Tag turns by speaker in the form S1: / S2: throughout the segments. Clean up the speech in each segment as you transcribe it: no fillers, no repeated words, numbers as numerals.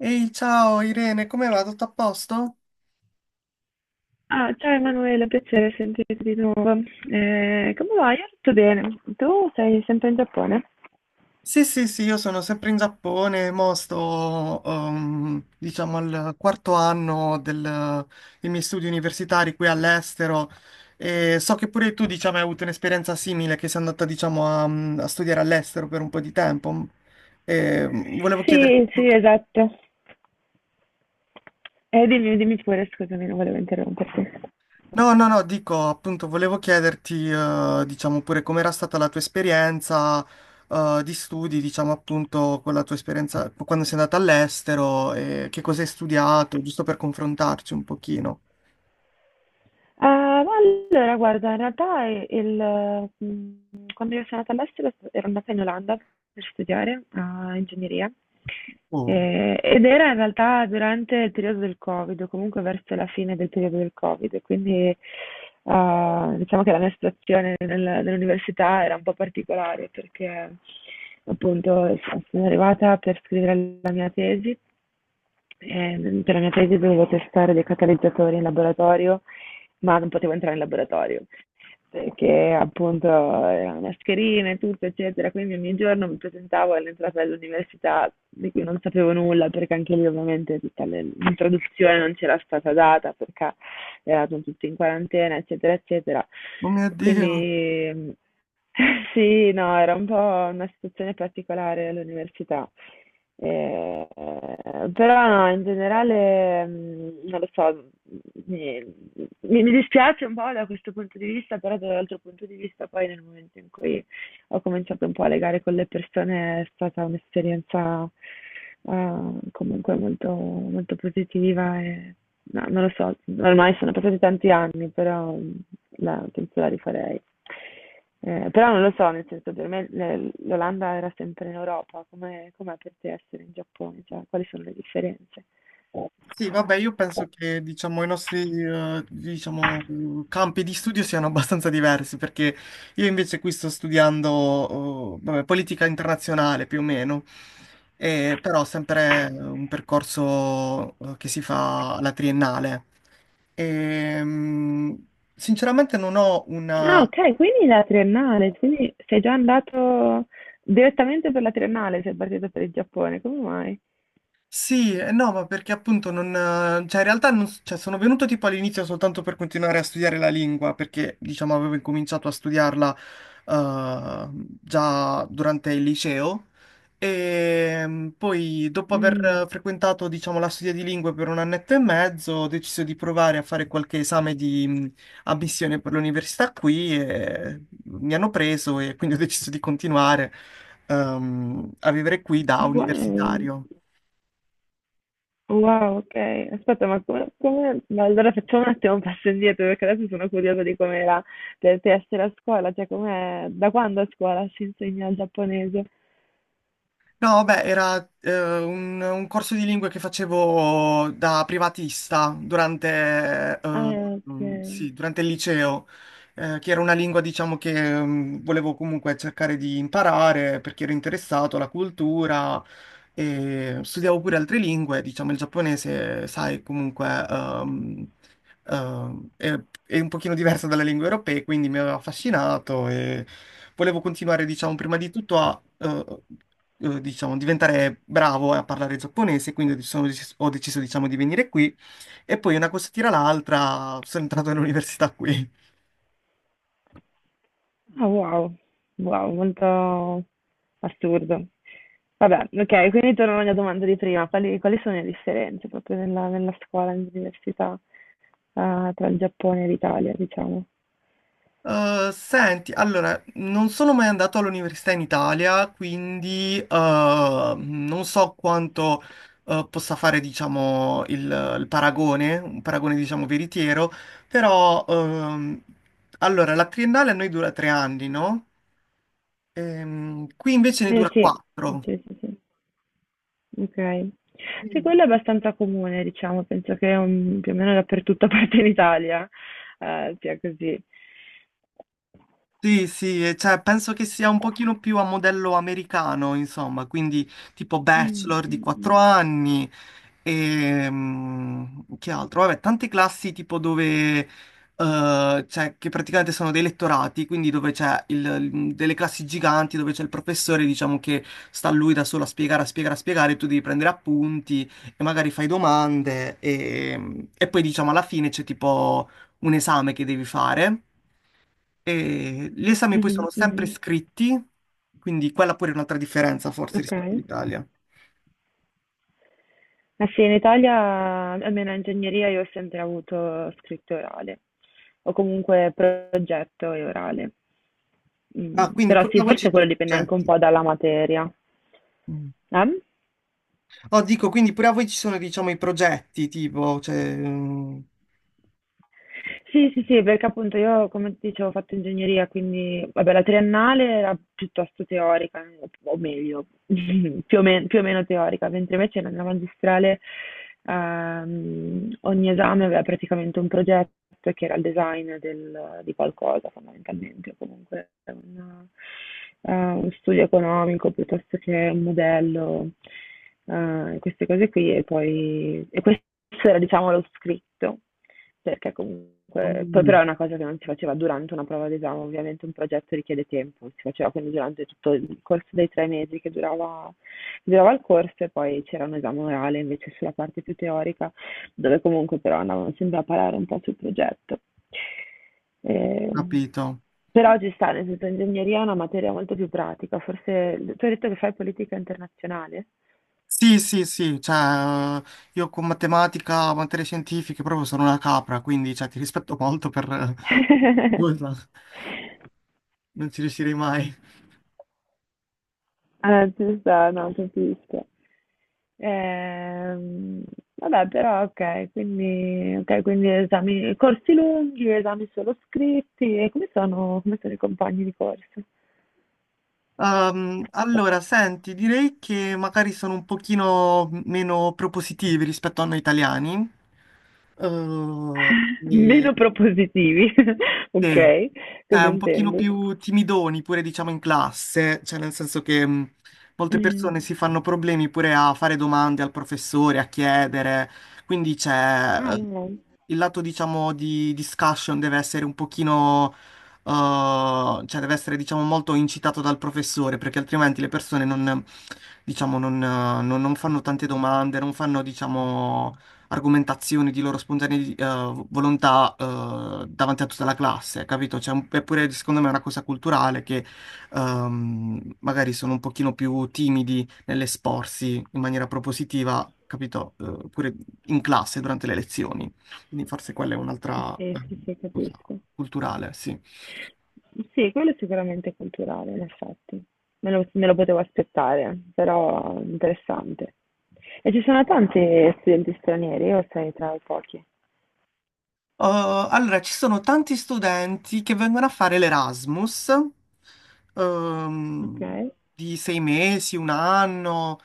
S1: Ehi, ciao Irene, come va? Tutto a posto?
S2: Ah, ciao Emanuele, piacere sentirti di nuovo. Come va? Io tutto bene. Tu sei sempre in Giappone?
S1: Sì, sì, sì, io sono sempre in Giappone, mo sto, diciamo, al quarto anno dei miei studi universitari qui all'estero e so che pure tu, diciamo, hai avuto un'esperienza simile, che sei andata, diciamo, a studiare all'estero per un po' di tempo. E volevo chiederti.
S2: Sì, sì, esatto. Dimmi, dimmi pure, scusami, non volevo interromperti.
S1: No, no, no, dico, appunto, volevo chiederti, diciamo pure com'era stata la tua esperienza, di studi, diciamo appunto, con la tua esperienza quando sei andata all'estero e che cosa hai studiato, giusto per confrontarci un pochino.
S2: Ma allora, guarda, in realtà i il quando io sono andata all'estero s ero andata in Olanda per studiare a ingegneria,
S1: Oh,
S2: ed era in realtà durante il periodo del Covid, o comunque verso la fine del periodo del Covid. Quindi, diciamo che la mia situazione nell'università era un po' particolare, perché appunto sono arrivata per scrivere la mia tesi. Per la mia tesi dovevo testare dei catalizzatori in laboratorio, ma non potevo entrare in laboratorio perché appunto erano mascherine e tutto, eccetera. Quindi ogni giorno mi presentavo all'entrata dell'università, di cui non sapevo nulla, perché anche lì ovviamente tutta l'introduzione non c'era stata data, perché eravamo tutti in quarantena, eccetera, eccetera.
S1: oh mio Dio.
S2: Quindi sì, no, era un po' una situazione particolare all'università. Eh, però no, in generale, non lo so, mi, mi dispiace un po' da questo punto di vista, però dall'altro punto di vista poi, nel momento in cui ho cominciato un po' a legare con le persone, è stata un'esperienza eh, comunque molto, molto positiva. E no, non lo so, ormai sono passati tanti anni, però penso la rifarei. Però non lo so, nel senso, per me l'Olanda era sempre in Europa, come com'è per te essere in Giappone? Cioè, quali sono le differenze?
S1: Sì, vabbè, io penso che diciamo, i nostri diciamo, campi di studio siano abbastanza diversi, perché io invece qui sto studiando vabbè, politica internazionale più o meno, e, però sempre un percorso che si fa alla triennale. E, sinceramente non ho una.
S2: Ah, ok, quindi la triennale, quindi sei già andato direttamente per la triennale, sei partito per il Giappone, come mai?
S1: Sì, no, ma perché appunto non. Cioè, in realtà non cioè, sono venuto tipo all'inizio soltanto per continuare a studiare la lingua, perché diciamo avevo incominciato a studiarla eh, già durante il liceo e poi dopo aver
S2: Mm.
S1: frequentato diciamo la studia di lingue per un annetto e mezzo ho deciso di provare a fare qualche esame di ammissione per l'università qui e mi hanno preso e quindi ho deciso di continuare a vivere qui da
S2: Ah, wow,
S1: universitario.
S2: wow, ok. Aspetta, ma allora facciamo un attimo un passo indietro, perché adesso sono curiosa di com'era per te essere a scuola, cioè com'è, da quando a scuola si insegna il giapponese?
S1: No, beh, era un corso di lingue che facevo da privatista durante,
S2: Ah, ok.
S1: sì, durante il liceo, che era una lingua, diciamo, che volevo comunque cercare di imparare perché ero interessato alla cultura e studiavo pure altre lingue, diciamo, il giapponese, sai, comunque ehm, è, è un pochino diverso dalle lingue europee, quindi mi aveva affascinato e volevo continuare, diciamo, prima di tutto a diciamo, diventare bravo a parlare giapponese, quindi ho deciso, diciamo, di venire qui e poi una cosa tira l'altra, sono entrato all'università qui.
S2: Ah, wow. Wow, molto assurdo. Vabbè, ok, quindi torno alla mia domanda di prima. Quali sono le differenze proprio nella scuola, nell'università, tra il Giappone e l'Italia, diciamo?
S1: Senti, allora, non sono mai andato all'università in Italia, quindi non so quanto possa fare, diciamo, il paragone, un paragone, diciamo, veritiero, però, allora, la triennale a noi dura 3 anni, no? Qui invece ne
S2: Eh
S1: dura
S2: sì,
S1: quattro.
S2: sì, sì, sì. Ok. Sì, quello è abbastanza comune, diciamo, penso che più o meno dappertutto, a parte in Italia, sia così.
S1: Sì, sì, e cioè, penso che sia un pochino più a modello americano, insomma, quindi tipo
S2: Mm,
S1: bachelor di
S2: mm, mm.
S1: 4 anni e che altro? Vabbè, tante classi tipo dove, cioè, che praticamente sono dei lettorati, quindi dove c'è delle classi giganti, dove c'è il professore, diciamo, che sta lui da solo a spiegare, a spiegare, a spiegare, tu devi prendere appunti e magari fai domande e poi, diciamo, alla fine c'è tipo un esame che devi fare. E gli esami poi
S2: Mhm,
S1: sono sempre
S2: mhm.
S1: scritti, quindi quella pure è un'altra differenza forse
S2: Ok.
S1: rispetto all'Italia.
S2: Ma sì, in Italia, almeno in ingegneria, io ho sempre avuto scritto e orale, o comunque progetto e orale. Mm.
S1: Ah, quindi
S2: Però
S1: pure
S2: sì,
S1: a voi ci
S2: forse
S1: sono
S2: quello
S1: i
S2: dipende anche un
S1: progetti.
S2: po' dalla materia.
S1: Mm.
S2: Eh?
S1: Oh, dico, quindi pure a voi ci sono, diciamo, i progetti, tipo, cioè.
S2: Sì, sì, sì, perché appunto io, come ti dicevo, ho fatto ingegneria, quindi vabbè, la triennale era piuttosto teorica, o meglio, più o meno teorica, mentre invece nella magistrale ogni esame aveva praticamente un progetto, che era il design di qualcosa fondamentalmente, o comunque un studio economico piuttosto che un modello, queste cose qui, e poi e questo era diciamo lo scritto. Perché comunque poi però
S1: Mm,
S2: è una cosa che non si faceva durante una prova d'esame, ovviamente un progetto richiede tempo, si faceva quindi durante tutto il corso dei 3 mesi che durava il corso, e poi c'era un esame orale invece sulla parte più teorica, dove comunque però andavano sempre a parare un po' sul progetto. Ehm,
S1: Capito.
S2: però ci sta, nel senso, ingegneria è una materia molto più pratica, forse tu hai detto che fai politica internazionale?
S1: Sì, sì, sì, cioè, io con matematica, materie scientifiche proprio sono una capra, quindi, cioè, ti rispetto molto per. Nulla, non ci riuscirei mai.
S2: Ah, ci sta, no, capisco. Ehm, vabbè, però ok, quindi esami, corsi lunghi, esami solo scritti, e come sono i compagni di corso?
S1: Allora, senti, direi che magari sono un pochino meno propositivi rispetto a noi italiani. Eh, e-
S2: Meno propositivi, ok,
S1: sì, cioè
S2: cosa
S1: un pochino
S2: intendi?
S1: più timidoni pure diciamo in classe, cioè nel senso che molte
S2: Mm.
S1: persone si fanno problemi pure a fare domande al professore, a chiedere, quindi c'è
S2: Ah, no, no.
S1: il lato diciamo di discussion deve essere un pochino, cioè deve essere diciamo molto incitato dal professore perché altrimenti le persone non, diciamo, non, non fanno tante domande, non fanno diciamo argomentazioni di loro spontanea volontà davanti a tutta la classe, capito? Cioè, è pure secondo me è una cosa culturale che magari sono un pochino più timidi nell'esporsi in maniera propositiva, capito? Pure in classe durante le lezioni. Quindi forse quella è un'altra
S2: Sì, sì, sì,
S1: cosa
S2: capisco.
S1: culturale, sì.
S2: Sì, quello è sicuramente culturale, in effetti. Me lo potevo aspettare, però interessante. E ci sono tanti studenti stranieri o sei tra i pochi?
S1: Uh, allora, ci sono tanti studenti che vengono a fare l'Erasmus,
S2: Ok.
S1: ehm, di 6 mesi, un anno,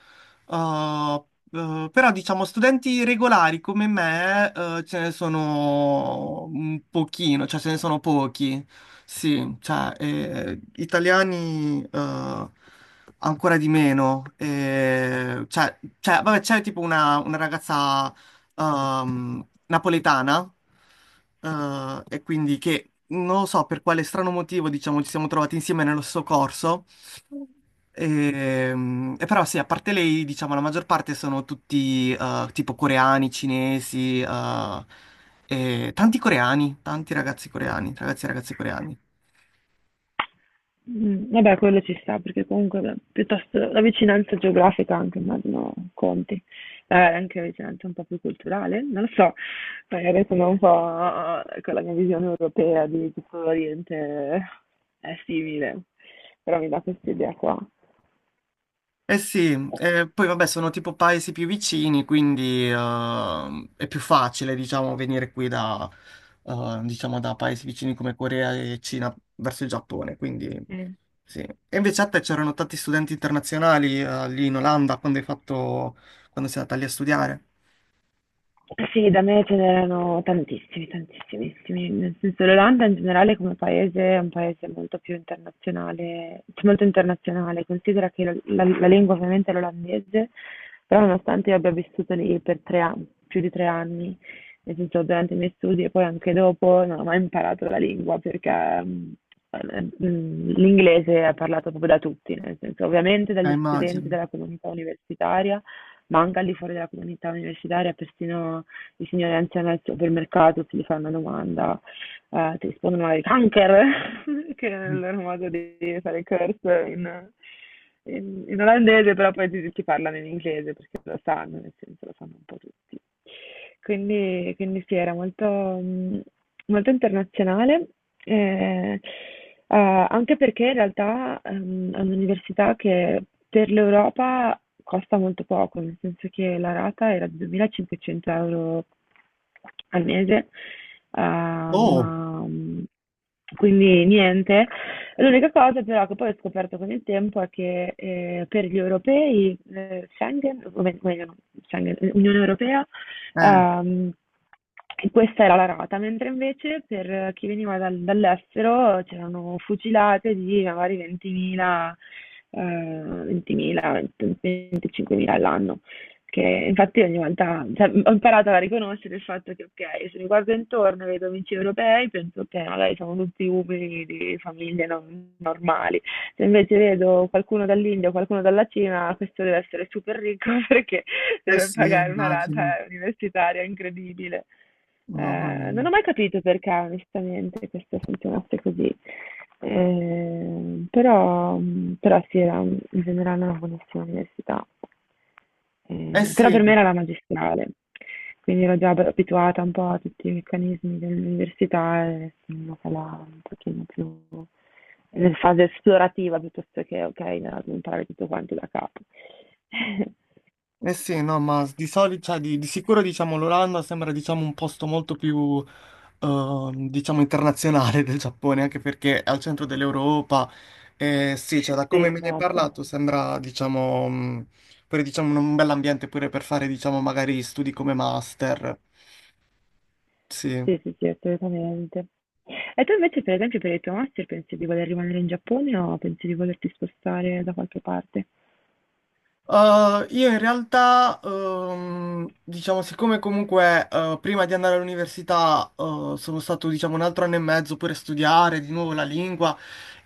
S1: uh, però diciamo studenti regolari come me, ce ne sono un pochino, cioè ce ne sono pochi, sì, cioè italiani ancora di meno, cioè, cioè, vabbè c'è tipo una ragazza napoletana, e quindi che non lo so per quale strano motivo, diciamo, ci siamo trovati insieme nello stesso corso. E però sì, a parte lei, diciamo, la maggior parte sono tutti tipo coreani, cinesi, e tanti coreani, tanti ragazzi coreani, ragazzi e ragazze coreani.
S2: Mm. Vabbè, quello ci sta, perché comunque, beh, piuttosto la vicinanza geografica anche, immagino, conti. Anche la vicinanza un po' più culturale, non lo so, magari sono un po', con la mia visione europea di tutto l'Oriente, è simile, però mi dà questa idea qua.
S1: Eh sì, poi vabbè sono tipo paesi più vicini, quindi è più facile diciamo venire qui da, diciamo, da paesi vicini come Corea e Cina verso il Giappone, quindi sì. E invece a te c'erano tanti studenti internazionali lì in Olanda quando sei andata lì a studiare?
S2: Eh sì, da me ce n'erano tantissimi, tantissimissimi, nel senso, l'Olanda in generale come paese è un paese molto più internazionale, cioè molto internazionale. Considera che la lingua ovviamente è l'olandese, però nonostante io abbia vissuto lì per 3 anni, più di 3 anni, nel senso durante i miei studi e poi anche dopo, non ho mai imparato la lingua perché Ehm, l'inglese è parlato proprio da tutti, nel senso, ovviamente dagli studenti
S1: Immagino.
S2: della comunità universitaria, ma anche al di fuori della comunità universitaria, persino i signori anziani al supermercato, se gli fanno una domanda, ti rispondono ai kanker, che è il loro modo di fare curse in olandese, però poi ti parlano in inglese perché lo sanno, nel senso, lo sanno un po' tutti. Quindi sì, era molto, molto internazionale, eh, anche perché in realtà è un'università che per l'Europa costa molto poco, nel senso che la rata era di 2.500 euro al mese, ma
S1: Oh,
S2: mh, quindi niente. L'unica cosa però che poi ho scoperto con il tempo è che, per gli europei, Schengen, o meglio, no, Schengen, Unione Europea,
S1: eh,
S2: Ehm, e questa era la rata, mentre invece per chi veniva dall'estero c'erano fucilate di magari 20.000, 20.000, 25.000 all'anno, che infatti ogni volta, cioè, ho imparato a riconoscere il fatto che ok, se mi guardo intorno e vedo amici europei, penso che magari sono tutti uomini di famiglie normali. Se invece vedo qualcuno dall'India o qualcuno dalla Cina, questo deve essere super ricco, perché
S1: eh
S2: deve
S1: sì,
S2: pagare una rata
S1: immagino,
S2: universitaria incredibile.
S1: mamma
S2: Non
S1: mia.
S2: ho mai capito perché, onestamente, questo funzionasse così. Eh, però, però sì, era in generale una buonissima università.
S1: Eh
S2: Però per me
S1: sì,
S2: era la magistrale, quindi ero già abituata un po' a tutti i meccanismi dell'università e sono andata là un pochino più in fase esplorativa, piuttosto che, ok, no, imparare tutto quanto da capo.
S1: eh sì, no, ma di solito, cioè, di sicuro diciamo l'Olanda sembra diciamo un posto molto più diciamo internazionale del Giappone, anche perché è al centro dell'Europa. Sì, cioè, da
S2: Sì.
S1: come me ne hai
S2: Esatto.
S1: parlato sembra diciamo pure diciamo un bel ambiente pure per fare diciamo magari studi come master. Sì.
S2: Sì, sì, sì, assolutamente. E tu invece, per esempio, per il tuo master pensi di voler rimanere in Giappone o pensi di volerti spostare da qualche parte?
S1: Io in realtà, diciamo, siccome comunque prima di andare all'università sono stato, diciamo, un altro anno e mezzo pure a studiare di nuovo la lingua,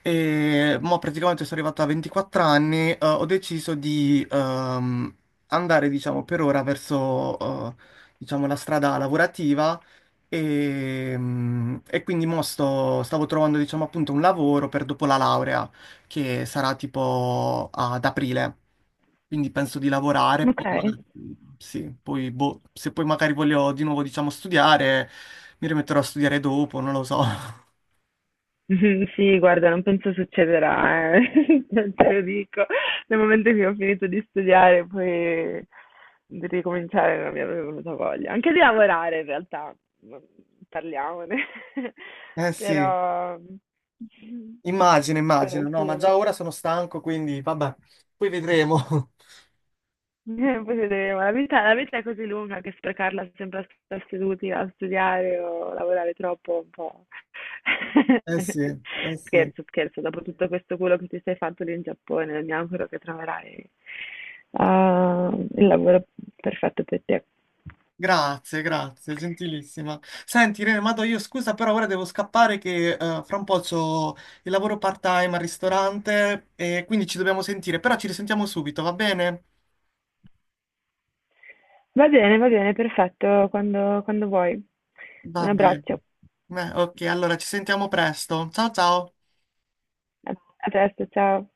S1: e mo praticamente sono arrivato a 24 anni, ho deciso di andare, diciamo, per ora verso, eh, diciamo, la strada lavorativa e quindi mo stavo trovando, diciamo, appunto un lavoro per dopo la laurea, che sarà tipo ad aprile. Quindi penso di lavorare,
S2: Ok.
S1: poi sì, poi, boh, se poi magari voglio di nuovo, diciamo, studiare, mi rimetterò a studiare dopo, non lo so.
S2: Sì, guarda, non penso succederà, eh. Te lo dico. Nel momento che ho finito di studiare, poi di ricominciare non mi avrebbe venuta voglia. Anche di lavorare, in realtà, parliamone.
S1: Eh sì,
S2: Però.
S1: immagino,
S2: Però
S1: immagino, no,
S2: sì,
S1: ma
S2: eh.
S1: già ora sono stanco, quindi vabbè, poi vedremo.
S2: Poi vedremo. La vita, è così lunga che sprecarla sempre a stare seduti a studiare o lavorare troppo è un po'.
S1: Eh sì, eh sì.
S2: Scherzo, scherzo. Dopo tutto questo culo che ti sei fatto lì in Giappone, mi auguro che troverai il lavoro perfetto per te.
S1: Grazie, grazie, gentilissima. Senti, Irene, ma do io scusa, però ora devo scappare che fra un po' c'ho il lavoro part-time al ristorante e quindi ci dobbiamo sentire, però ci risentiamo subito, va bene?
S2: Va bene, perfetto. Quando vuoi. Un
S1: Va bene.
S2: abbraccio.
S1: Beh, ok, allora ci sentiamo presto. Ciao ciao.
S2: A a presto, ciao.